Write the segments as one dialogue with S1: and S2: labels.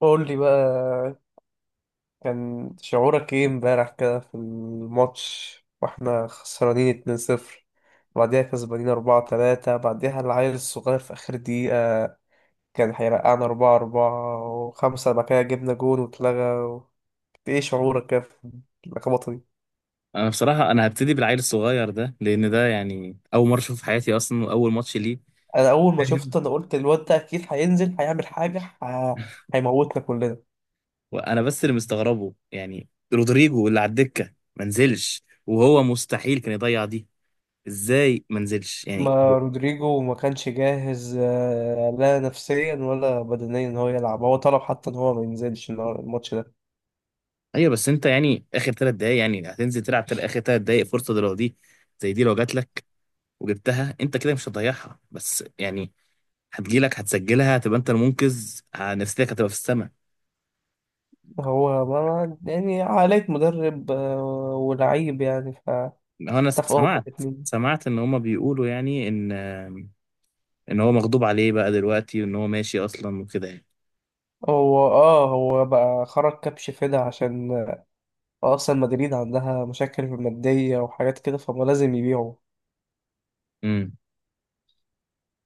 S1: قول لي بقى، كان شعورك ايه امبارح كده في الماتش واحنا خسرانين 2-0، بعديها كسبانين 4-3، بعديها العيل الصغير في اخر دقيقة كان هيرقعنا 4-4، وخمسة بعد كده جبنا جون واتلغى ايه شعورك كده في اللخبطة دي.
S2: انا بصراحه هبتدي بالعيل الصغير ده، لان ده يعني اول مره اشوفه في حياتي اصلا، واول ماتش ليه.
S1: انا اول ما شفت
S2: فاهم؟
S1: انا قلت الواد ده اكيد هينزل هيعمل حاجة هيموتنا كلنا.
S2: وانا بس اللي مستغربه، يعني رودريجو اللي على الدكه ما نزلش، وهو مستحيل كان يضيع دي. ازاي ما نزلش يعني؟
S1: ما رودريجو ما كانش جاهز لا نفسيا ولا بدنيا ان هو يلعب، هو طلب حتى ان هو ما ينزلش الماتش ده.
S2: ايوه، بس انت يعني اخر 3 دقايق يعني هتنزل تلعب، اخر 3 دقايق، فرصه دي، لو دي زي دي لو جات لك وجبتها انت كده، مش هتضيعها بس يعني. هتجيلك، هتسجلها، هتبقى انت المنقذ، نفسيتك هتبقى في السماء.
S1: هو ما يعني عقلية مدرب ولعيب يعني،
S2: هو انا
S1: فاتفقوا هما
S2: سمعت
S1: الاثنين.
S2: سمعت ان هما بيقولوا يعني ان هو مغضوب عليه بقى دلوقتي، وان هو ماشي اصلا وكده يعني.
S1: هو اه بقى خرج كبش فدا عشان اصلا مدريد عندها مشاكل مادية وحاجات كده فما لازم يبيعوا.
S2: امم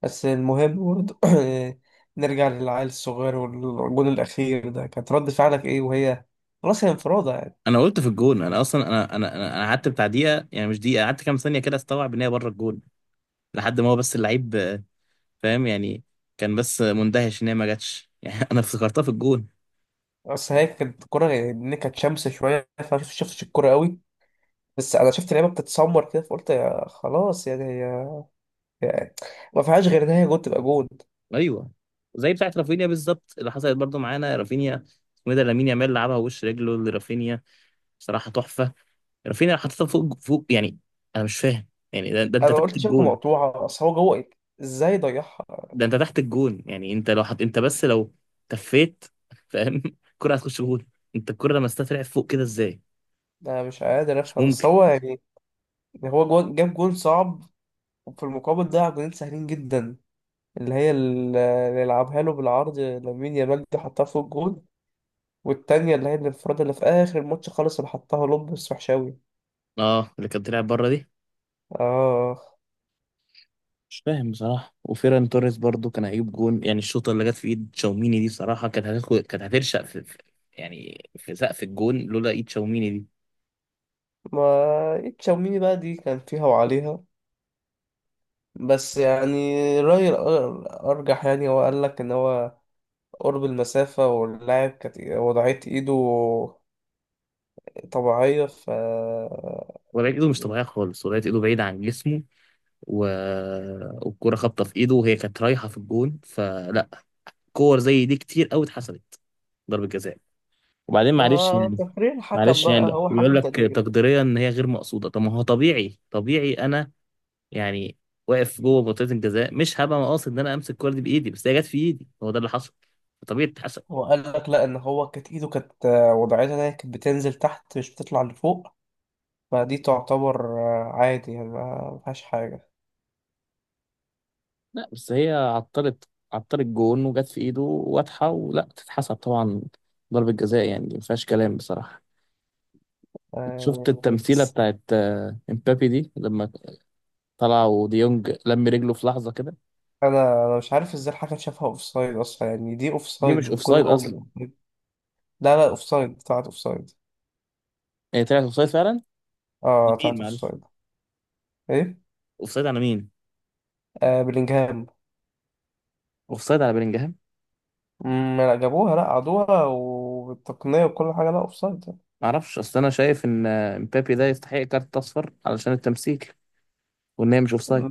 S1: بس المهم برضه نرجع للعيل الصغير والجون الأخير ده، كانت رد فعلك ايه وهي خلاص هي انفرادة يعني.
S2: انا قلت في الجون، انا اصلا انا انا انا أنا قعدت بتاع دقيقه، يعني مش دقيقه، قعدت كام ثانيه كده استوعب ان هي بره الجون، لحد ما هو بس اللعيب. فاهم يعني؟ كان بس مندهش ان هي ما جاتش يعني، انا افتكرتها في الجون.
S1: اصل هي كانت الكوره، ان كانت شمس شويه فما شفتش الكوره قوي، بس انا شفت لعيبه بتتسمر كده فقلت يا خلاص يعني هي يعني ما فيهاش غير ان هي جول تبقى جول.
S2: ايوه، زي بتاعت رافينيا بالظبط اللي حصلت برضو معانا، رافينيا، اسمه إيه ده، لامين يامال لعبها وش رجله لرافينيا، بصراحه تحفه. رافينيا حطيتها فوق فوق يعني، انا مش فاهم يعني. ده انت
S1: انا
S2: تحت
S1: قلت شبكه
S2: الجون،
S1: مقطوعه، اصل هو جوه إيه؟ ازاي ضيعها.
S2: ده انت تحت الجون، يعني انت لو حط، انت بس لو تفيت، فاهم؟ الكرة هتخش جون. انت الكرة لما طلعت فوق كده ازاي؟
S1: انا مش قادر
S2: مش
S1: افهم، بس
S2: ممكن.
S1: هو يعني هو جوه جاب جول صعب، وفي المقابل ضيع جولين سهلين جدا، اللي هي اللي يلعبها له بالعرض لامين يامال دي حطها فوق الجول، والتانية اللي هي الانفراد اللي في آخر الماتش خالص اللي حطها لوب بس وحشاوي.
S2: اه، اللي كانت طلعت بره دي.
S1: آه،
S2: مش فاهم بصراحة. وفيران توريس برضو كان هيجيب جون، يعني الشوطة اللي جت في ايد تشاوميني دي بصراحة كانت هترشق في يعني في سقف الجون، لولا ايد تشاوميني دي.
S1: ما تشاوميني بقى دي كان فيها وعليها، بس يعني رأيي أرجح يعني هو قال لك إن هو قرب المسافة واللاعب كانت وضعية إيده طبيعية
S2: ولقيت ايده مش طبيعية خالص، ولقيت ايده بعيدة عن جسمه، و... والكرة خابطة في ايده، وهي كانت رايحة في الجون. فلا، كور زي دي كتير قوي اتحسبت ضربة جزاء. وبعدين معلش
S1: ما
S2: يعني،
S1: تقرير الحكم
S2: معلش يعني.
S1: بقى
S2: لا،
S1: هو
S2: بيقول
S1: حكم
S2: لك
S1: تقدير.
S2: تقديريا ان هي غير مقصوده. طب ما هو طبيعي، طبيعي انا يعني واقف جوه منطقه الجزاء، مش هبقى قاصد ان انا امسك الكوره دي بايدي، بس هي جت في ايدي، هو ده اللي حصل. طبيعي تتحسب.
S1: هو قال لك لا، إن هو كانت إيده كانت وضعيتها إن هي كانت بتنزل تحت مش بتطلع لفوق، فدي تعتبر عادي يعني ما فيهاش حاجة
S2: لا، بس هي عطلت جون، وجت في ايده واضحه، ولا تتحسب طبعا ضربه جزاء يعني، دي ما فيهاش كلام بصراحه.
S1: يعني.
S2: شفت التمثيله بتاعت امبابي دي لما طلع وديونج لم رجله في لحظه كده؟
S1: انا مش عارف ازاي الحكم شافها اوف سايد اصلا، يعني دي اوف
S2: دي
S1: سايد،
S2: مش
S1: والجول
S2: اوفسايد
S1: الاول مش
S2: اصلا.
S1: offside. لا لا، اوف سايد، طلعت اوف سايد.
S2: هي طلعت اوفسايد فعلا.
S1: اه
S2: لمين
S1: طلعت اوف
S2: معلش؟
S1: سايد. ايه؟
S2: اوفسايد على مين؟
S1: آه بلينجهام.
S2: اوفسايد على بلينجهام.
S1: لا جابوها لا عادوها والتقنيه وكل حاجه، لا اوف سايد.
S2: معرفش، اصل انا شايف ان امبابي ده يستحق كارت اصفر علشان التمثيل، وان هي مش اوفسايد.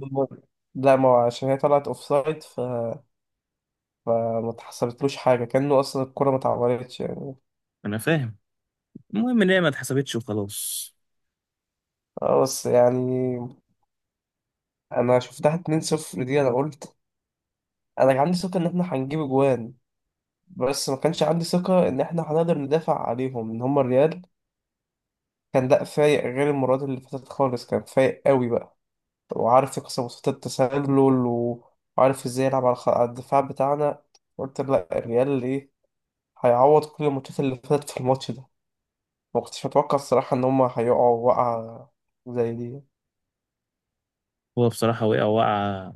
S1: لا ما هو عشان هي طلعت اوف سايد فما اتحسبتلوش حاجه كانه اصلا الكره ما اتعورتش يعني.
S2: انا فاهم، المهم ان هي ما اتحسبتش وخلاص.
S1: اه بس يعني انا شفتها 2-0 دي، انا قلت انا كان عندي ثقه ان احنا هنجيب اجوان، بس ما كانش عندي ثقة إن إحنا هنقدر ندافع عليهم، إن هما الريال كان لا فايق غير المرات اللي فاتت خالص، كان فايق قوي بقى وعارف يكسر وسط التسلل وعارف ازاي يلعب على على الدفاع بتاعنا. قلت لا، الريال ايه، هيعوض كل الماتشات اللي فاتت في الماتش ده. ما كنتش متوقع الصراحة ان هما هيقعوا وقعة زي دي.
S2: هو بصراحه وقع وقع،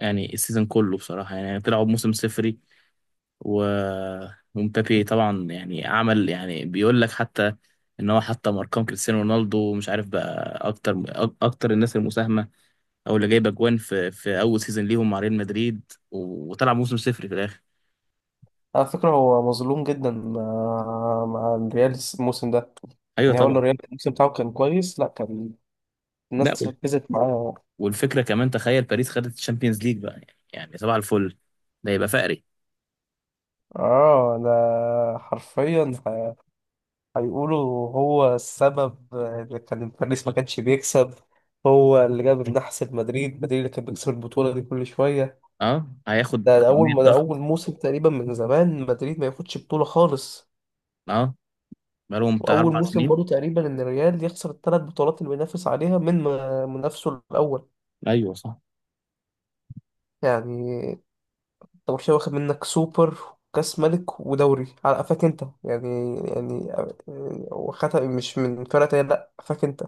S2: يعني السيزون كله بصراحه يعني طلعوا بموسم صفري. و ومبابي طبعا يعني عمل يعني، بيقول لك حتى ان هو حطم ارقام كريستيانو رونالدو، ومش عارف بقى اكتر اكتر الناس المساهمه، او اللي جايبه اجوان في اول سيزون ليهم مع ريال مدريد، وطلع موسم صفري في الاخر.
S1: على فكرة هو مظلوم جدا مع مع الريال الموسم ده،
S2: ايوه
S1: يعني هو
S2: طبعا.
S1: الريال الموسم بتاعه كان كويس، لا كان
S2: لا،
S1: الناس ركزت معاه.
S2: والفكره كمان، تخيل باريس خدت الشامبيونز ليج بقى، يعني صباح الفل، ده يبقى فقري.
S1: اه ده حرفيا هيقولوا هو السبب اللي كان باريس ما كانش بيكسب، هو اللي جاب النحس لمدريد، مدريد اللي كان بيكسب البطولة دي كل شوية.
S2: اه، هياخد
S1: ده, ده أول
S2: كميه
S1: ما ده أول
S2: ضغط.
S1: موسم تقريبا من زمان مدريد ما ياخدش بطولة خالص،
S2: اه، بقالهم بتاع
S1: وأول
S2: اربع
S1: موسم
S2: سنين
S1: برضه تقريبا إن الريال يخسر الثلاث بطولات اللي بينافس عليها من منافسه الأول.
S2: ايوه صح.
S1: يعني أنت برشلونة واخد منك سوبر وكأس ملك ودوري على قفاك أنت، يعني يعني واخدها مش من فرقة تانية لأ، قفاك أنت،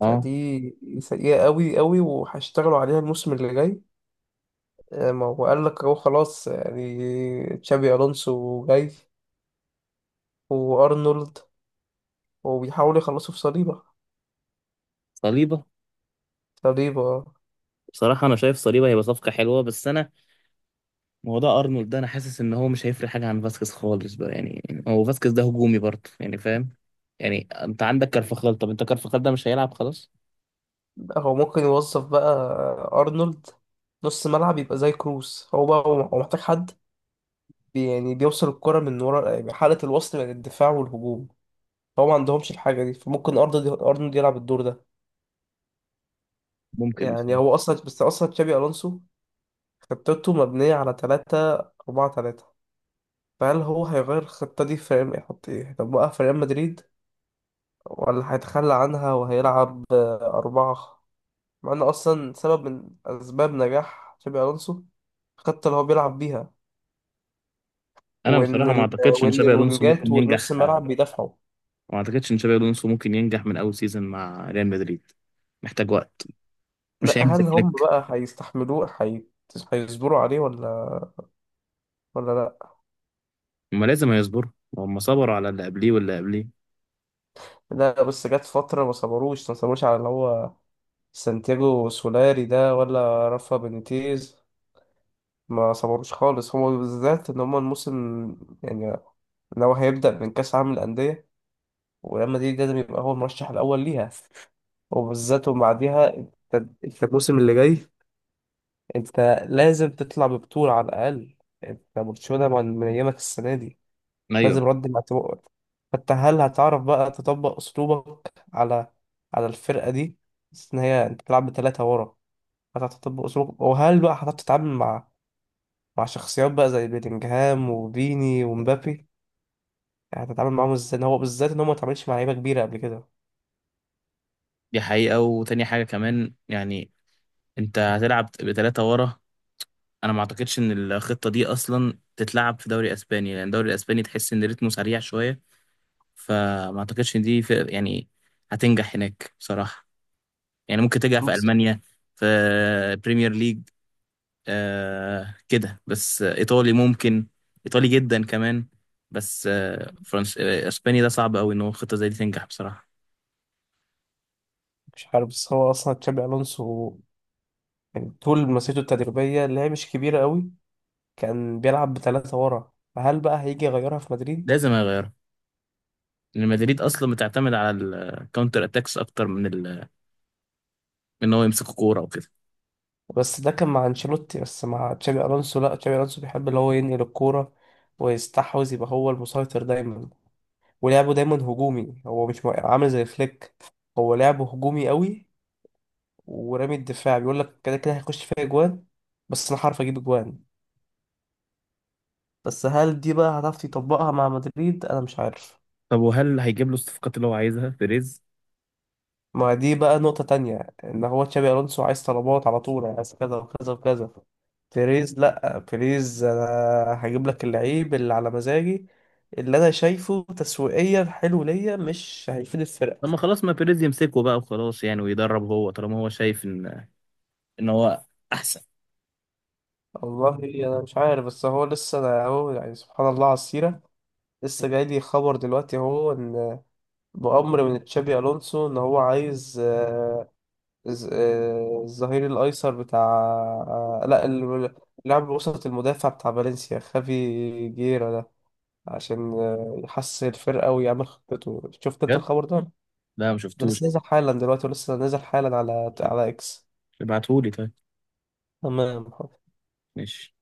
S2: اه،
S1: فدي سيئة قوي قوي وهيشتغلوا عليها الموسم اللي جاي. ما هو قال لك اهو خلاص يعني تشابي الونسو جاي وارنولد، وبيحاولوا يخلصوا في صليبة.
S2: صليبه.
S1: صليبة.
S2: بصراحه انا شايف صليبه هيبقى صفقه حلوه، بس انا موضوع ارنولد ده انا حاسس ان هو مش هيفرق حاجه عن فاسكيز خالص بقى يعني. هو فاسكيز ده هجومي برضه يعني، فاهم؟ يعني انت عندك كارفاخال، طب انت كارفاخال ده مش هيلعب خلاص.
S1: هو ممكن يوظف بقى ارنولد نص ملعب يبقى زي كروس، هو بقى هو محتاج حد يعني بيوصل الكرة من ورا يعني حالة الوصل بين الدفاع والهجوم، هو ما عندهمش الحاجة دي، فممكن ارنولد يلعب الدور ده.
S2: ممكن.
S1: يعني هو اصلا بس اصلا تشابي الونسو خطته مبنية على تلاتة أربعة تلاتة، فهل هو هيغير الخطة دي في يحط إيه؟ هيطبقها في ريال مدريد، ولا هيتخلى عنها وهيلعب أربعة؟ مع إن أصلا سبب من أسباب نجاح تشابي ألونسو الخطة اللي هو بيلعب بيها،
S2: انا
S1: وإن
S2: بصراحه ما
S1: ال...
S2: اعتقدش ان
S1: وإن
S2: شابي الونسو
S1: الوينجات
S2: ممكن
S1: والنص
S2: ينجح،
S1: الملعب بيدافعوا.
S2: وما اعتقدش ان شابي الونسو ممكن ينجح من اول سيزون مع ريال مدريد. محتاج وقت. مش
S1: لا
S2: هيعمل
S1: هل
S2: زي
S1: هم
S2: فليك.
S1: بقى هيستحملوه؟ هيصبروا عليه ولا ولا لا؟
S2: هما لازم هيصبروا، وهم صبروا على اللي قبليه واللي قبليه.
S1: لا بس جت فترة ما صبروش، ما صبروش على اللي هو سانتياغو سولاري ده ولا رافا بينيتيز، ما صبروش خالص هما بالذات. ان هما الموسم يعني لو هيبدأ من كأس عالم الأندية، وريال مدريد لازم يبقى هو المرشح الأول ليها، وبالذات وبعديها انت، انت الموسم اللي جاي، انت لازم تطلع ببطولة على الأقل. انت برشلونة من أيامك السنة دي
S2: ايوه،
S1: لازم رد مع تبقى. فانت هل هتعرف بقى تطبق أسلوبك على على الفرقة دي، بس إن هي أنت بتلعب بثلاثة ورا، هتعرف تطبق أسلوبك؟ وهل بقى هتعرف تتعامل مع مع شخصيات بقى زي بيلينجهام وفيني ومبابي؟ يعني هتتعامل معاهم ازاي إن هو بالذات ان هو ما اتعاملش مع لعيبه كبيره قبل كده؟
S2: دي حقيقة. وتاني حاجة كمان يعني، انت هتلعب بثلاثة ورا، انا ما اعتقدش ان الخطة دي اصلا تتلعب في دوري اسباني، لان الدوري الاسباني تحس ان رتمه سريع شوية. فما اعتقدش ان دي في يعني هتنجح هناك بصراحة. يعني ممكن تنجح في
S1: بس
S2: المانيا، في بريمير ليج، كده بس. ايطالي ممكن، ايطالي جدا كمان. بس فرنس، اسباني ده صعب قوي ان هو خطه زي دي تنجح بصراحه.
S1: مش عارف، بس هو اصلا تشابي الونسو يعني طول مسيرته التدريبيه اللي هي مش كبيره قوي كان بيلعب بثلاثه ورا، فهل بقى هيجي يغيرها في مدريد؟
S2: لازم اغيرها، لان مدريد اصلا بتعتمد على الكاونتر اتاكس اكتر من من ان هو يمسك كوره وكده.
S1: بس ده كان مع انشيلوتي، بس مع تشابي الونسو لا، تشابي الونسو بيحب اللي هو ينقل الكوره ويستحوذ يبقى هو المسيطر دايما، ولعبه دايما هجومي، هو مش عامل زي فليك، هو لعبه هجومي قوي ورامي الدفاع، بيقول لك كده كده هيخش فيها اجوان بس انا هعرف اجيب اجوان، بس هل دي بقى هتعرف تطبقها مع مدريد، انا مش عارف.
S2: طب وهل هيجيب له الصفقات اللي هو عايزها بيريز؟
S1: ما دي بقى نقطة تانية، ان هو تشابي الونسو عايز طلبات على طول، عايز كذا وكذا وكذا، بيريز لا، بيريز انا هجيب لك اللعيب اللي على مزاجي، اللي انا شايفه تسويقيا حلو ليا مش هيفيد
S2: لما
S1: الفرقة.
S2: خلاص، ما بيريز يمسكه بقى وخلاص يعني ويدرب هو، طالما هو شايف ان هو احسن.
S1: والله انا مش عارف، بس هو لسه انا اهو يعني سبحان الله على السيرة، لسه جاي لي خبر دلوقتي اهو ان بأمر من تشابي ألونسو إن هو عايز الظهير الأيسر بتاع آه، لا ال- لاعب وسط المدافع بتاع فالنسيا، خافي جيرا ده، عشان يحسن الفرقة ويعمل خطته. شفت أنت
S2: بجد؟
S1: الخبر ده؟
S2: لا، ما
S1: ده
S2: شفتوش.
S1: لسه نازل حالا دلوقتي، ولسه نازل حالا على على إكس.
S2: ابعتهولي طيب.
S1: تمام.
S2: ماشي.